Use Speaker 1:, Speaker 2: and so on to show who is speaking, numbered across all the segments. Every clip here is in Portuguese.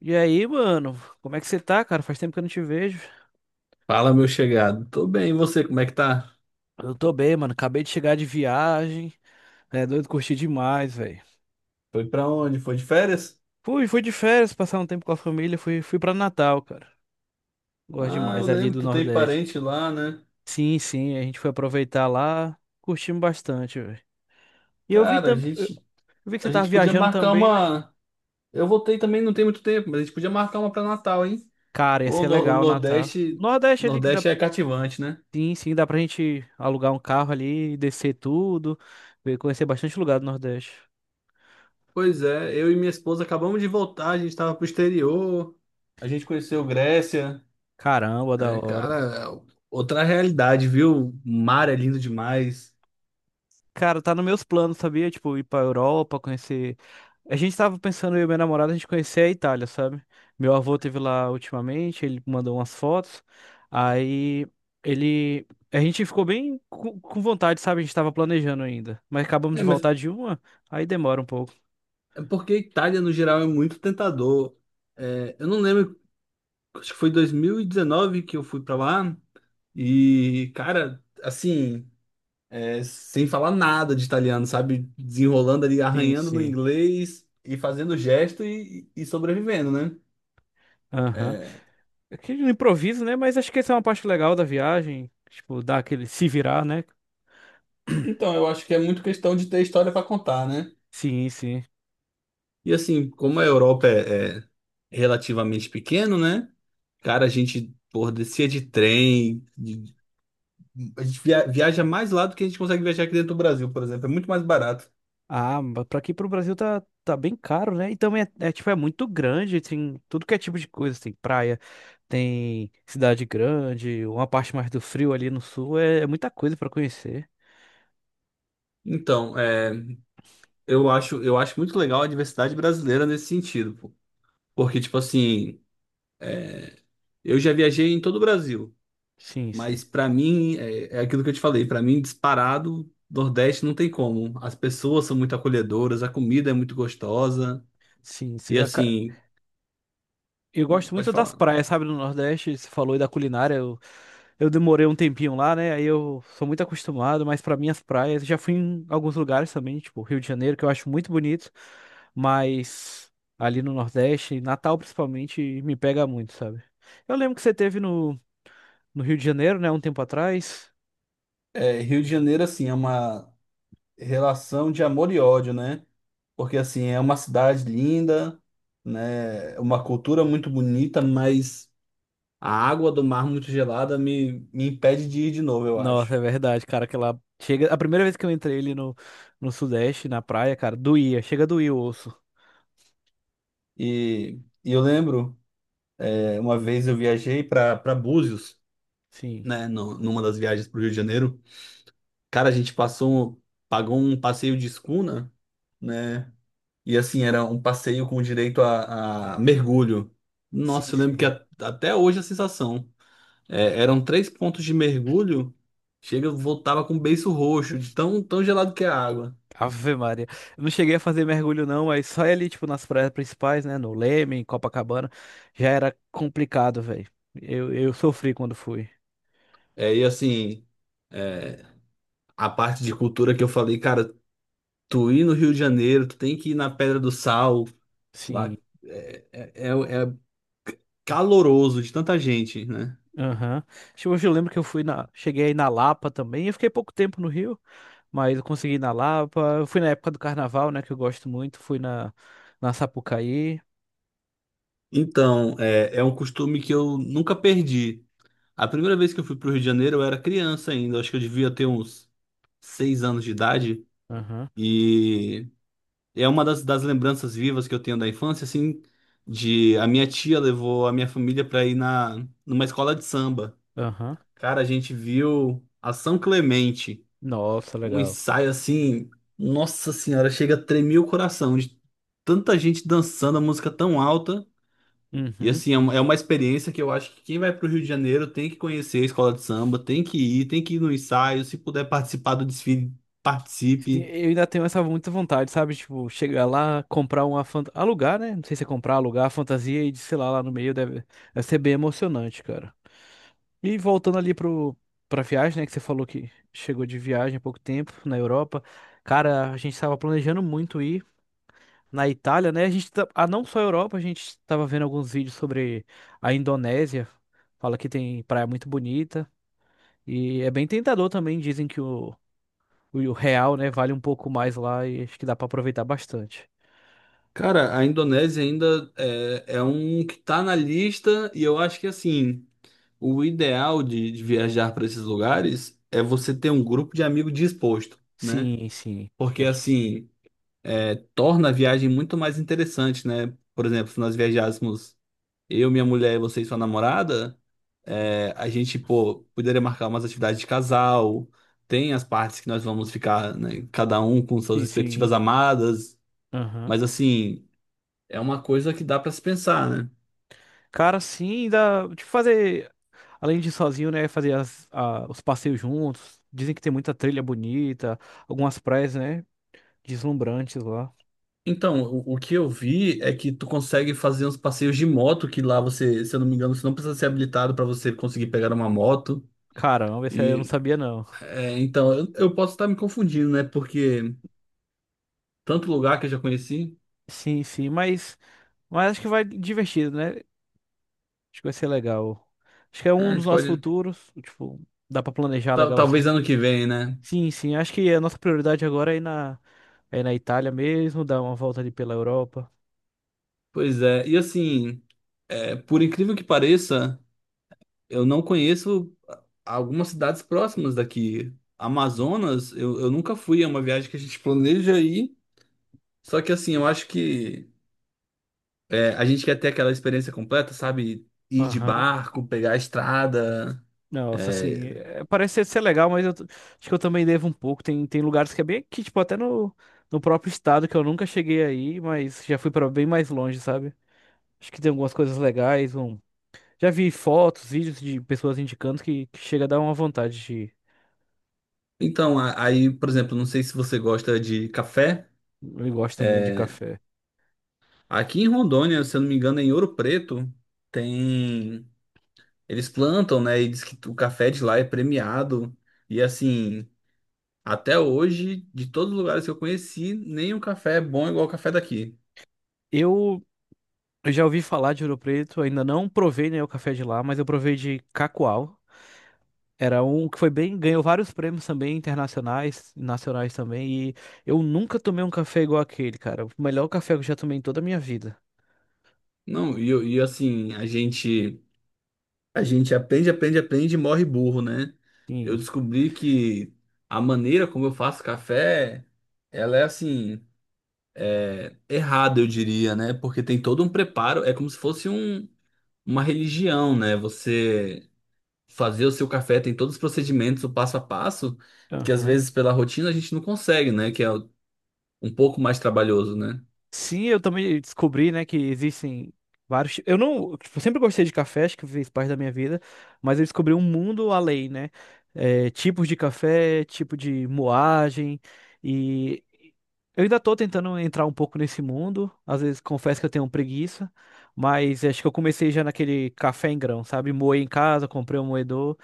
Speaker 1: E aí, mano, como é que você tá, cara? Faz tempo que eu não te vejo.
Speaker 2: Fala, meu chegado. Tô bem, e você, como é que tá?
Speaker 1: Eu tô bem, mano. Acabei de chegar de viagem. É doido, curti demais, velho.
Speaker 2: Foi pra onde? Foi de férias?
Speaker 1: Fui de férias, passar um tempo com a família. Fui pra Natal, cara. Gosto
Speaker 2: Ah, eu
Speaker 1: demais ali
Speaker 2: lembro
Speaker 1: do
Speaker 2: que tu tem
Speaker 1: Nordeste.
Speaker 2: parente lá, né?
Speaker 1: Sim, a gente foi aproveitar lá. Curtimos bastante, velho. E eu
Speaker 2: Cara, a gente,
Speaker 1: vi que
Speaker 2: a
Speaker 1: você tava
Speaker 2: gente podia
Speaker 1: viajando
Speaker 2: marcar
Speaker 1: também, né?
Speaker 2: uma. Eu voltei também, não tem muito tempo, mas a gente podia marcar uma pra Natal, hein?
Speaker 1: Cara, ia
Speaker 2: Pô, o
Speaker 1: ser
Speaker 2: Nor- o
Speaker 1: legal o Natal.
Speaker 2: Nordeste,
Speaker 1: Nordeste ali que dá.
Speaker 2: Nordeste é cativante, né?
Speaker 1: Sim, dá pra gente alugar um carro ali, descer tudo, conhecer bastante lugar do Nordeste.
Speaker 2: Pois é, eu e minha esposa acabamos de voltar, a gente tava pro exterior, a gente conheceu Grécia.
Speaker 1: Caramba, da
Speaker 2: É,
Speaker 1: hora.
Speaker 2: cara, é outra realidade, viu? O mar é lindo demais.
Speaker 1: Cara, tá nos meus planos, sabia? Tipo, ir pra Europa, conhecer. A gente tava pensando, eu e minha namorada, a gente conhecer a Itália, sabe? Meu avô teve lá ultimamente, ele mandou umas fotos. Aí ele. A gente ficou bem com vontade, sabe? A gente tava planejando ainda. Mas acabamos
Speaker 2: É,
Speaker 1: de
Speaker 2: mas
Speaker 1: voltar de uma, aí demora um pouco.
Speaker 2: É porque a Itália, no geral, é muito tentador. É, eu não lembro, acho que foi 2019 que eu fui pra lá. E, cara, assim, sem falar nada de italiano, sabe? Desenrolando ali,
Speaker 1: Sim,
Speaker 2: arranhando no
Speaker 1: sim.
Speaker 2: inglês e fazendo gesto e sobrevivendo, né?
Speaker 1: Aham.
Speaker 2: É,
Speaker 1: Aquele improviso, né? Mas acho que essa é uma parte legal da viagem. Tipo, dar aquele se virar, né?
Speaker 2: então, eu acho que é muito questão de ter história pra contar, né?
Speaker 1: Sim, sim.
Speaker 2: E, assim, como a Europa é relativamente pequeno, né? Cara, a gente, porra, descia de trem. A gente viaja mais lá do que a gente consegue viajar aqui dentro do Brasil, por exemplo. É muito mais barato.
Speaker 1: Ah, mas pra aqui pro Brasil tá bem caro, né? E também é, tipo, é muito grande, tem tudo que é tipo de coisa, tem praia, tem cidade grande, uma parte mais do frio ali no sul, é muita coisa pra conhecer.
Speaker 2: Então, eu acho muito legal a diversidade brasileira nesse sentido, pô. Porque, tipo assim, eu já viajei em todo o Brasil,
Speaker 1: Sim, sim.
Speaker 2: mas pra mim, é aquilo que eu te falei, pra mim, disparado, Nordeste não tem como. As pessoas são muito acolhedoras, a comida é muito gostosa,
Speaker 1: Sim,
Speaker 2: e
Speaker 1: sim.
Speaker 2: assim,
Speaker 1: Eu
Speaker 2: não,
Speaker 1: gosto
Speaker 2: pode
Speaker 1: muito das
Speaker 2: falar.
Speaker 1: praias, sabe, no Nordeste, você falou aí da culinária. Eu demorei um tempinho lá, né? Aí eu sou muito acostumado, mas pra mim as praias, já fui em alguns lugares também, tipo Rio de Janeiro, que eu acho muito bonito, mas ali no Nordeste, Natal principalmente, me pega muito, sabe? Eu lembro que você teve no Rio de Janeiro, né, um tempo atrás.
Speaker 2: É, Rio de Janeiro, assim, é uma relação de amor e ódio, né? Porque assim, é uma cidade linda, né? Uma cultura muito bonita, mas a água do mar muito gelada me impede de ir de novo, eu acho.
Speaker 1: Nossa, é verdade, cara, que lá chega, a primeira vez que eu entrei ali no, no Sudeste, na praia, cara, doía, chega a doer o osso.
Speaker 2: E, e eu lembro, uma vez eu viajei para Búzios,
Speaker 1: Sim,
Speaker 2: né? Numa das viagens para o Rio de Janeiro. Cara, a gente pagou um passeio de escuna, né? E assim, era um passeio com direito a mergulho.
Speaker 1: sim,
Speaker 2: Nossa, eu lembro que
Speaker 1: sim.
Speaker 2: até hoje a sensação. É, eram três pontos de mergulho. Chega, eu voltava com o beiço roxo, de tão, tão gelado que é a água.
Speaker 1: Ave Maria. Eu não cheguei a fazer mergulho, não, mas só ali, tipo, nas praias principais, né? No Leme, em Copacabana, já era complicado, velho. Eu sofri quando fui.
Speaker 2: É, e assim, é, a parte de cultura que eu falei, cara, tu ir no Rio de Janeiro, tu tem que ir na Pedra do Sal, lá
Speaker 1: Sim.
Speaker 2: é caloroso de tanta gente, né?
Speaker 1: Aham. Acho que hoje eu lembro que eu fui na. Cheguei aí na Lapa também. Eu fiquei pouco tempo no Rio, mas eu consegui ir na Lapa. Eu fui na época do carnaval, né? Que eu gosto muito. Na Sapucaí.
Speaker 2: Então, é um costume que eu nunca perdi. A primeira vez que eu fui pro Rio de Janeiro, eu era criança ainda, acho que eu devia ter uns 6 anos de idade.
Speaker 1: Aham.
Speaker 2: E. É uma das lembranças vivas que eu tenho da infância, assim, de a minha tia levou a minha família para ir na numa escola de samba.
Speaker 1: Aham.
Speaker 2: Cara, a gente viu a São Clemente,
Speaker 1: Nossa,
Speaker 2: um
Speaker 1: legal.
Speaker 2: ensaio assim, nossa senhora, chega a tremer o coração de tanta gente dançando a música tão alta. E
Speaker 1: Uhum.
Speaker 2: assim, é uma experiência que eu acho que quem vai para o Rio de Janeiro tem que conhecer a escola de samba, tem que ir, no ensaio, se puder participar do desfile, participe.
Speaker 1: Eu ainda tenho essa muita vontade, sabe? Tipo, chegar lá, comprar uma fanta... Alugar, né? Não sei se é comprar, alugar a fantasia e de, sei lá, lá no meio deve ser bem emocionante, cara. E voltando ali pro... pra viagem, né? Que você falou que chegou de viagem há pouco tempo na Europa. Cara, a gente tava planejando muito ir na Itália, né? A gente tá... ah, não só a Europa, a gente tava vendo alguns vídeos sobre a Indonésia. Fala que tem praia muito bonita. E é bem tentador também, dizem que o real, né, vale um pouco mais lá e acho que dá pra aproveitar bastante.
Speaker 2: Cara, a Indonésia ainda é um que tá na lista, e eu acho que assim, o ideal de viajar para esses lugares é você ter um grupo de amigo disposto, né?
Speaker 1: Sim, sim. Eu
Speaker 2: Porque
Speaker 1: acho
Speaker 2: assim, torna a viagem muito mais interessante, né? Por exemplo, se nós viajássemos eu, minha mulher e você e sua namorada, a gente, pô, poderia marcar umas atividades de casal, tem as partes que nós vamos ficar, né, cada um com suas
Speaker 1: que sim, sim.
Speaker 2: respectivas amadas,
Speaker 1: Aham.
Speaker 2: mas assim, é uma coisa que dá para se pensar, né?
Speaker 1: Cara, sim, dá de fazer, além de ir sozinho, né, fazer os passeios juntos. Dizem que tem muita trilha bonita, algumas praias, né, deslumbrantes lá.
Speaker 2: Então, o que eu vi é que tu consegue fazer uns passeios de moto, que lá você, se eu não me engano, você não precisa ser habilitado para você conseguir pegar uma moto.
Speaker 1: Caramba, esse aí eu não
Speaker 2: E,
Speaker 1: sabia, não.
Speaker 2: então, eu posso estar me confundindo, né? Porque tanto lugar que eu já conheci,
Speaker 1: Sim, sim, mas acho que vai divertido, né? Acho que vai ser legal. Acho que é um
Speaker 2: a
Speaker 1: dos
Speaker 2: gente
Speaker 1: nossos
Speaker 2: pode.
Speaker 1: futuros, tipo, dá pra planejar
Speaker 2: Talvez ano
Speaker 1: legalzinho.
Speaker 2: que vem, né?
Speaker 1: Sim, sim. Acho que a nossa prioridade agora é ir é na Itália mesmo, dar uma volta ali pela Europa.
Speaker 2: Pois é. E assim, por incrível que pareça, eu não conheço algumas cidades próximas daqui. Amazonas, eu nunca fui, é uma viagem que a gente planeja ir. Só que assim, eu acho que. É, a gente quer ter aquela experiência completa, sabe? Ir de
Speaker 1: Aham.
Speaker 2: barco, pegar a estrada.
Speaker 1: Nossa, assim,
Speaker 2: É.
Speaker 1: é, parece ser legal, mas acho que eu também devo um pouco. Tem lugares que é bem aqui, tipo, até no, no próprio estado que eu nunca cheguei aí, mas já fui para bem mais longe, sabe? Acho que tem algumas coisas legais. Um... Já vi fotos, vídeos de pessoas indicando que chega a dar uma vontade de ir.
Speaker 2: Então, aí, por exemplo, não sei se você gosta de café.
Speaker 1: Eu gosto muito de
Speaker 2: é,
Speaker 1: café.
Speaker 2: Aqui em Rondônia, se eu não me engano, em Ouro Preto, tem. Eles plantam, né? E diz que o café de lá é premiado. E assim, até hoje, de todos os lugares que eu conheci, nenhum café é bom igual o café daqui.
Speaker 1: Eu eu já ouvi falar de Ouro Preto, ainda não provei, né, o café de lá, mas eu provei de Cacoal. Era um que foi bem, ganhou vários prêmios também, internacionais, nacionais também, e eu nunca tomei um café igual aquele, cara. O melhor café que eu já tomei em toda a minha vida.
Speaker 2: Não, e assim, a gente. A gente aprende, aprende, aprende e morre burro, né? Eu
Speaker 1: Sim.
Speaker 2: descobri que a maneira como eu faço café, ela é assim, errada, eu diria, né? Porque tem todo um preparo, é como se fosse uma religião, né? Você fazer o seu café tem todos os procedimentos, o passo a passo, que às vezes pela rotina a gente não consegue, né? Que é um pouco mais trabalhoso, né?
Speaker 1: Sim, eu também descobri, né, que existem vários. Eu não, tipo, eu sempre gostei de café, acho que fez parte da minha vida, mas eu descobri um mundo além, né? É, tipos de café, tipo de moagem e eu ainda tô tentando entrar um pouco nesse mundo. Às vezes confesso que eu tenho preguiça, mas acho que eu comecei já naquele café em grão, sabe? Moei em casa, comprei um moedor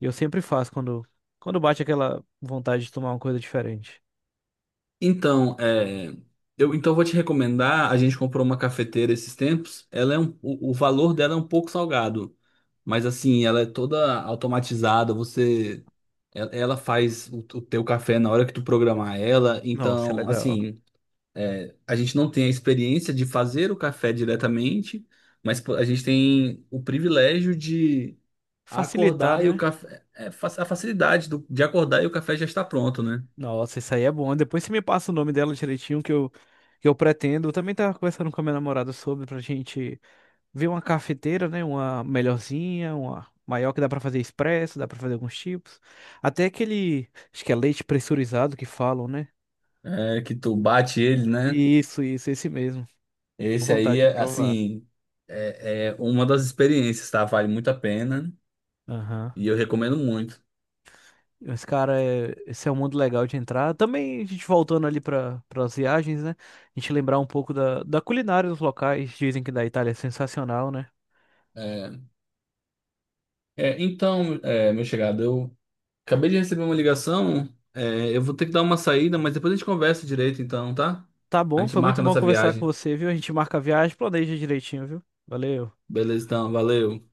Speaker 1: e eu sempre faço quando bate aquela vontade de tomar uma coisa diferente.
Speaker 2: Então, eu então eu vou te recomendar. A gente comprou uma cafeteira esses tempos. O valor dela é um pouco salgado, mas assim, ela é toda automatizada. Ela faz o teu café na hora que tu programar ela.
Speaker 1: Nossa, é
Speaker 2: Então,
Speaker 1: legal.
Speaker 2: assim, a gente não tem a experiência de fazer o café diretamente, mas pô, a gente tem o privilégio de
Speaker 1: Facilitar,
Speaker 2: acordar e o
Speaker 1: né?
Speaker 2: café, a facilidade de acordar e o café já está pronto, né?
Speaker 1: Nossa, isso aí é bom. Depois você me passa o nome dela direitinho que eu pretendo. Eu também tava conversando com a minha namorada sobre pra gente ver uma cafeteira, né? Uma melhorzinha, uma maior que dá pra fazer expresso, dá pra fazer alguns tipos. Até aquele, acho que é leite pressurizado que falam, né?
Speaker 2: É que tu bate ele, né?
Speaker 1: Isso, esse mesmo. Tenho
Speaker 2: Esse
Speaker 1: vontade
Speaker 2: aí
Speaker 1: de
Speaker 2: é,
Speaker 1: provar.
Speaker 2: assim, é uma das experiências, tá? Vale muito a pena
Speaker 1: Aham.
Speaker 2: e eu recomendo muito.
Speaker 1: Esse cara é, esse é um mundo legal de entrar. Também a gente voltando ali para as viagens, né? A gente lembrar um pouco da, da culinária dos locais. Dizem que da Itália é sensacional, né?
Speaker 2: É, é, então, meu chegado, eu acabei de receber uma ligação, eu vou ter que dar uma saída, mas depois a gente conversa direito, então, tá?
Speaker 1: Tá
Speaker 2: A
Speaker 1: bom,
Speaker 2: gente
Speaker 1: foi
Speaker 2: marca
Speaker 1: muito
Speaker 2: a
Speaker 1: bom
Speaker 2: nossa
Speaker 1: conversar com
Speaker 2: viagem.
Speaker 1: você, viu? A gente marca a viagem, planeja direitinho, viu? Valeu.
Speaker 2: Beleza, então, valeu.